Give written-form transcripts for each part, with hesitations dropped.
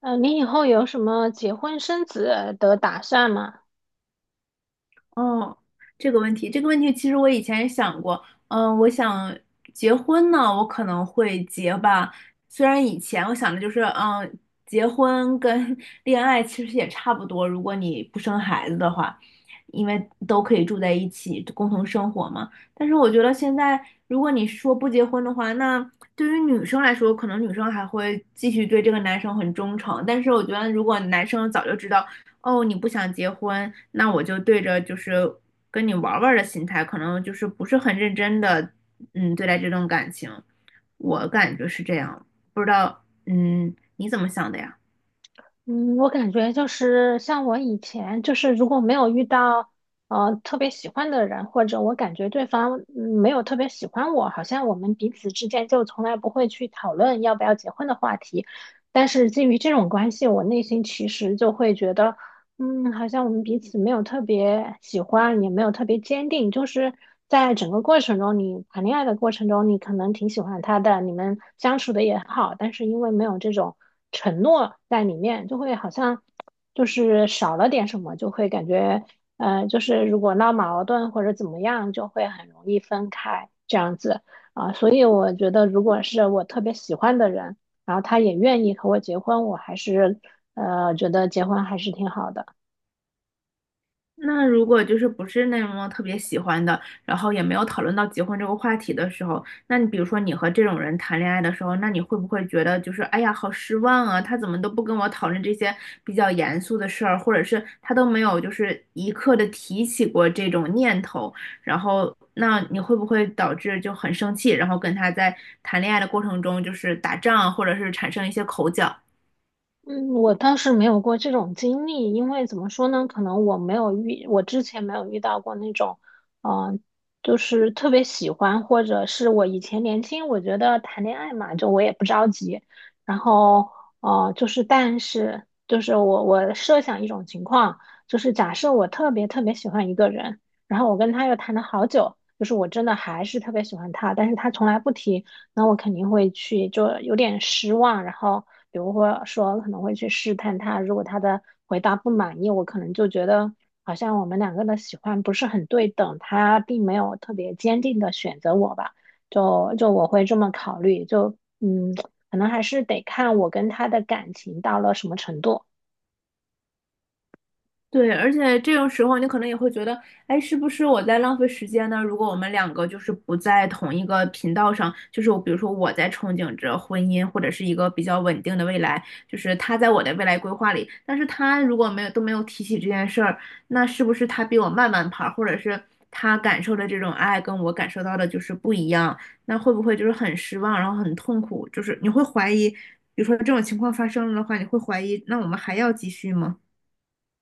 嗯，你以后有什么结婚生子的打算吗？哦，这个问题，其实我以前也想过。我想结婚呢，我可能会结吧。虽然以前我想的就是，结婚跟 恋爱其实也差不多，如果你不生孩子的话，因为都可以住在一起，共同生活嘛。但是我觉得现在，如果你说不结婚的话，那对于女生来说，可能女生还会继续对这个男生很忠诚。但是我觉得，如果男生早就知道。哦，你不想结婚，那我就对着就是跟你玩儿玩儿的心态，可能就是不是很认真的，对待这段感情，我感觉是这样，不知道，嗯，你怎么想的呀？嗯，我感觉就是像我以前，就是如果没有遇到特别喜欢的人，或者我感觉对方没有特别喜欢我，好像我们彼此之间就从来不会去讨论要不要结婚的话题。但是基于这种关系，我内心其实就会觉得。嗯，好像我们彼此没有特别喜欢，也没有特别坚定，就是在整个过程中，你谈恋爱的过程中，你可能挺喜欢他的，你们相处的也很好，但是因为没有这种承诺在里面，就会好像就是少了点什么，就会感觉，就是如果闹矛盾或者怎么样，就会很容易分开这样子啊，所以我觉得，如果是我特别喜欢的人，然后他也愿意和我结婚，我还是觉得结婚还是挺好的。那如果就是不是那么特别喜欢的，然后也没有讨论到结婚这个话题的时候，那你比如说你和这种人谈恋爱的时候，那你会不会觉得就是哎呀好失望啊？他怎么都不跟我讨论这些比较严肃的事儿，或者是他都没有就是一刻的提起过这种念头，然后那你会不会导致就很生气，然后跟他在谈恋爱的过程中就是打仗，或者是产生一些口角？嗯，我倒是没有过这种经历，因为怎么说呢，可能我没有遇，我之前没有遇到过那种，嗯、就是特别喜欢，或者是我以前年轻，我觉得谈恋爱嘛，就我也不着急，然后，就是但是我设想一种情况，就是假设我特别特别喜欢一个人，然后我跟他又谈了好久，就是我真的还是特别喜欢他，但是他从来不提。那我肯定会去，就有点失望，然后比如或说可能会去试探他，如果他的回答不满意，我可能就觉得好像我们两个的喜欢不是很对等，他并没有特别坚定的选择我吧，就我会这么考虑，就嗯，可能还是得看我跟他的感情到了什么程度。对，而且这种时候你可能也会觉得，哎，是不是我在浪费时间呢？如果我们两个就是不在同一个频道上，就是我比如说我在憧憬着婚姻或者是一个比较稳定的未来，就是他在我的未来规划里，但是他如果没有都没有提起这件事儿，那是不是他比我慢半拍儿，或者是他感受的这种爱跟我感受到的就是不一样？那会不会就是很失望，然后很痛苦？就是你会怀疑，比如说这种情况发生了的话，你会怀疑，那我们还要继续吗？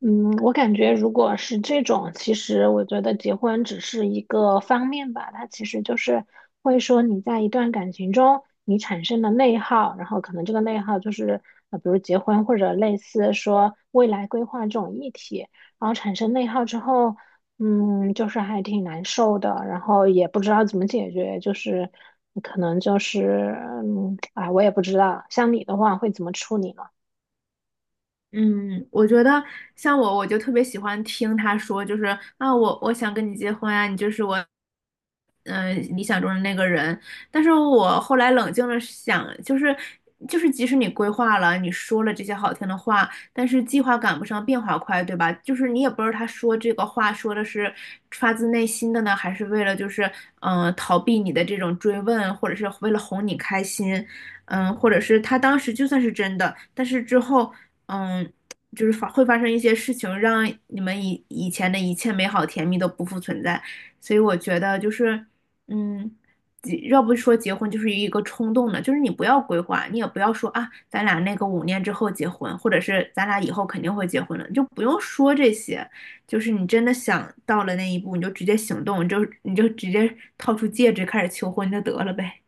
嗯，我感觉如果是这种，其实我觉得结婚只是一个方面吧，它其实就是会说你在一段感情中你产生了内耗，然后可能这个内耗就是比如结婚或者类似说未来规划这种议题，然后产生内耗之后，嗯，就是还挺难受的，然后也不知道怎么解决，就是可能就是嗯，啊，我也不知道，像你的话会怎么处理呢？嗯，我觉得像我，就特别喜欢听他说，就是啊，我想跟你结婚啊，你就是我，嗯、理想中的那个人。但是我后来冷静了想，就是，即使你规划了，你说了这些好听的话，但是计划赶不上变化快，对吧？就是你也不知道他说这个话说的是发自内心的呢，还是为了就是逃避你的这种追问，或者是为了哄你开心。嗯，或者是他当时就算是真的，但是之后嗯，就是会发生一些事情，让你们以前的一切美好甜蜜都不复存在。所以我觉得就是，嗯，结要不说结婚就是一个冲动的，就是你不要规划，你也不要说啊，咱俩那个五年之后结婚，或者是咱俩以后肯定会结婚了，你就不用说这些。就是你真的想到了那一步，你就直接行动，你就直接掏出戒指开始求婚就得了呗。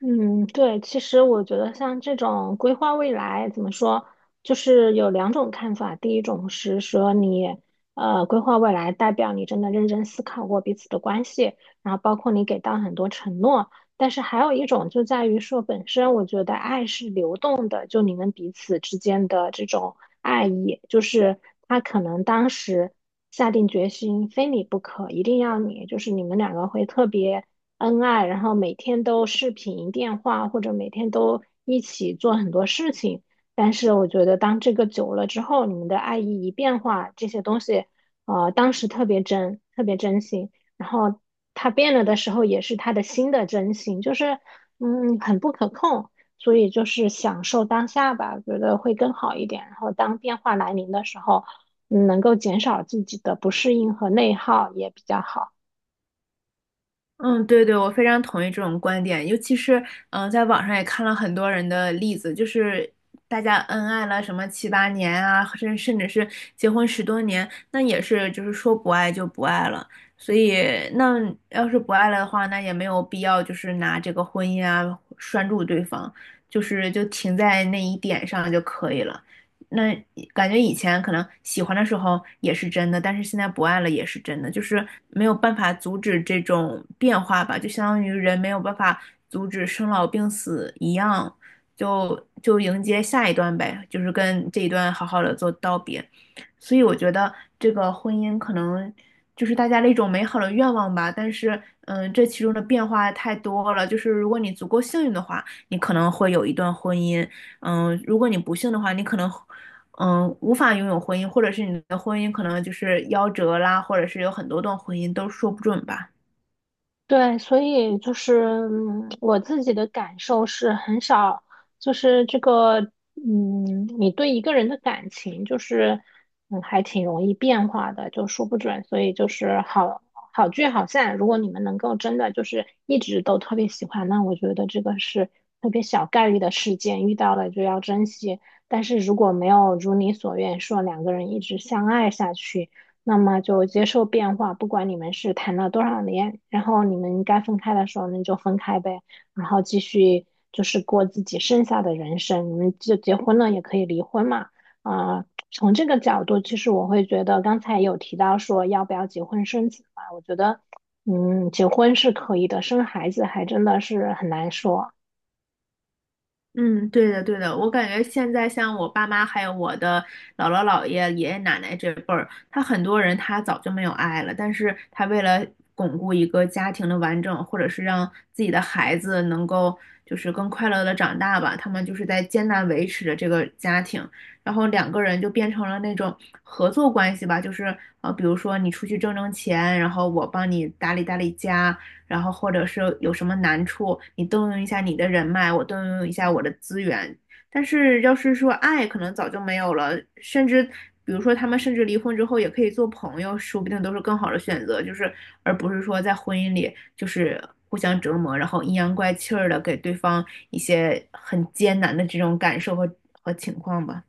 嗯，对，其实我觉得像这种规划未来，怎么说，就是有两种看法。第一种是说你，规划未来代表你真的认真思考过彼此的关系，然后包括你给到很多承诺。但是还有一种就在于说，本身我觉得爱是流动的，就你们彼此之间的这种爱意，就是他可能当时下定决心非你不可，一定要你，就是你们两个会特别。恩爱，然后每天都视频电话或者每天都一起做很多事情。但是我觉得，当这个久了之后，你们的爱意一变化，这些东西，当时特别真，特别真心。然后他变了的时候，也是他的新的真心，就是嗯，很不可控。所以就是享受当下吧，觉得会更好一点。然后当变化来临的时候，嗯能够减少自己的不适应和内耗也比较好。嗯，对对，我非常同意这种观点，尤其是嗯，呃在网上也看了很多人的例子，就是大家恩爱了什么七八年啊，甚至是结婚十多年，那也是就是说不爱就不爱了。所以那要是不爱了的话，那也没有必要就是拿这个婚姻啊拴住对方，就停在那一点上就可以了。那感觉以前可能喜欢的时候也是真的，但是现在不爱了也是真的，就是没有办法阻止这种变化吧，就相当于人没有办法阻止生老病死一样，就迎接下一段呗，就是跟这一段好好的做道别。所以我觉得这个婚姻可能就是大家的一种美好的愿望吧，但是嗯，这其中的变化太多了，就是如果你足够幸运的话，你可能会有一段婚姻。嗯，如果你不幸的话，你可能嗯，无法拥有婚姻，或者是你的婚姻可能就是夭折啦，或者是有很多段婚姻都说不准吧。对，所以就是嗯我自己的感受是很少，就是这个，嗯，你对一个人的感情就是，嗯，还挺容易变化的，就说不准。所以就是好好聚好散，如果你们能够真的就是一直都特别喜欢，那我觉得这个是特别小概率的事件，遇到了就要珍惜。但是如果没有如你所愿，说两个人一直相爱下去。那么就接受变化，不管你们是谈了多少年，然后你们该分开的时候，那就分开呗，然后继续就是过自己剩下的人生。你们就结婚了也可以离婚嘛，啊、从这个角度，其实我会觉得刚才有提到说要不要结婚生子嘛，我觉得，嗯，结婚是可以的，生孩子还真的是很难说。嗯，对的，对的，我感觉现在像我爸妈，还有我的姥姥姥爷、爷爷奶奶这辈儿，他很多人他早就没有爱了，但是他为了巩固一个家庭的完整，或者是让自己的孩子能够就是更快乐的长大吧，他们就是在艰难维持着这个家庭，然后两个人就变成了那种合作关系吧，就是比如说你出去挣钱，然后我帮你打理家，然后或者是有什么难处，你动用一下你的人脉，我动用一下我的资源。但是要是说爱，可能早就没有了，甚至比如说他们甚至离婚之后也可以做朋友，说不定都是更好的选择，就是而不是说在婚姻里就是互相折磨，然后阴阳怪气儿的给对方一些很艰难的这种感受和情况吧。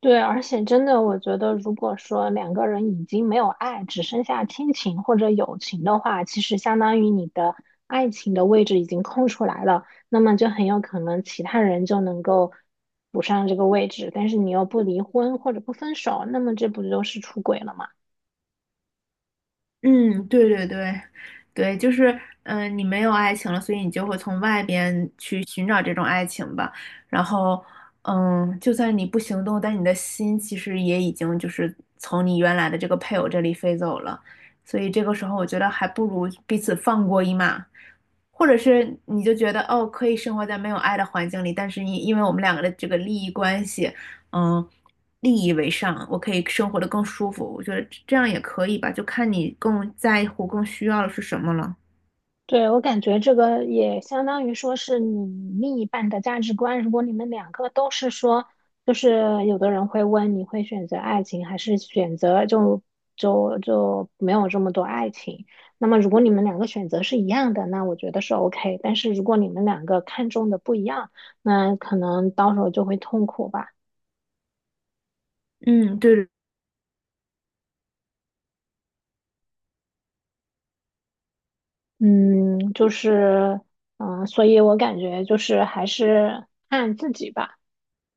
对，而且真的，我觉得，如果说两个人已经没有爱，只剩下亲情或者友情的话，其实相当于你的爱情的位置已经空出来了，那么就很有可能其他人就能够补上这个位置，但是你又不离婚或者不分手，那么这不就是出轨了吗？嗯，对对对，对，就是，嗯、你没有爱情了，所以你就会从外边去寻找这种爱情吧。然后，嗯，就算你不行动，但你的心其实也已经就是从你原来的这个配偶这里飞走了。所以这个时候，我觉得还不如彼此放过一马，或者是你就觉得哦，可以生活在没有爱的环境里，但是因为我们两个的这个利益关系。嗯，利益为上，我可以生活的更舒服。我觉得这样也可以吧，就看你更在乎、更需要的是什么了。对，我感觉这个也相当于说是你另一半的价值观。如果你们两个都是说，就是有的人会问你会选择爱情还是选择就没有这么多爱情。那么如果你们两个选择是一样的，那我觉得是 OK。但是如果你们两个看中的不一样，那可能到时候就会痛苦吧。嗯，对的嗯，就是嗯，所以我感觉就是还是看自己吧。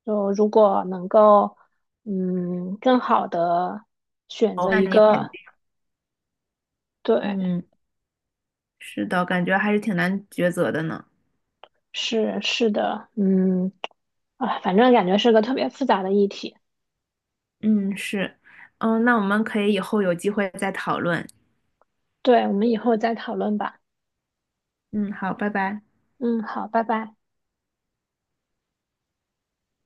就如果能够，嗯，更好的选择那一你肯个，定，对，嗯，是的，感觉还是挺难抉择的呢。是是的，嗯，啊，反正感觉是个特别复杂的议题。嗯，是，嗯，那我们可以以后有机会再讨论。对，我们以后再讨论吧。嗯，好，拜拜。嗯，好，拜拜。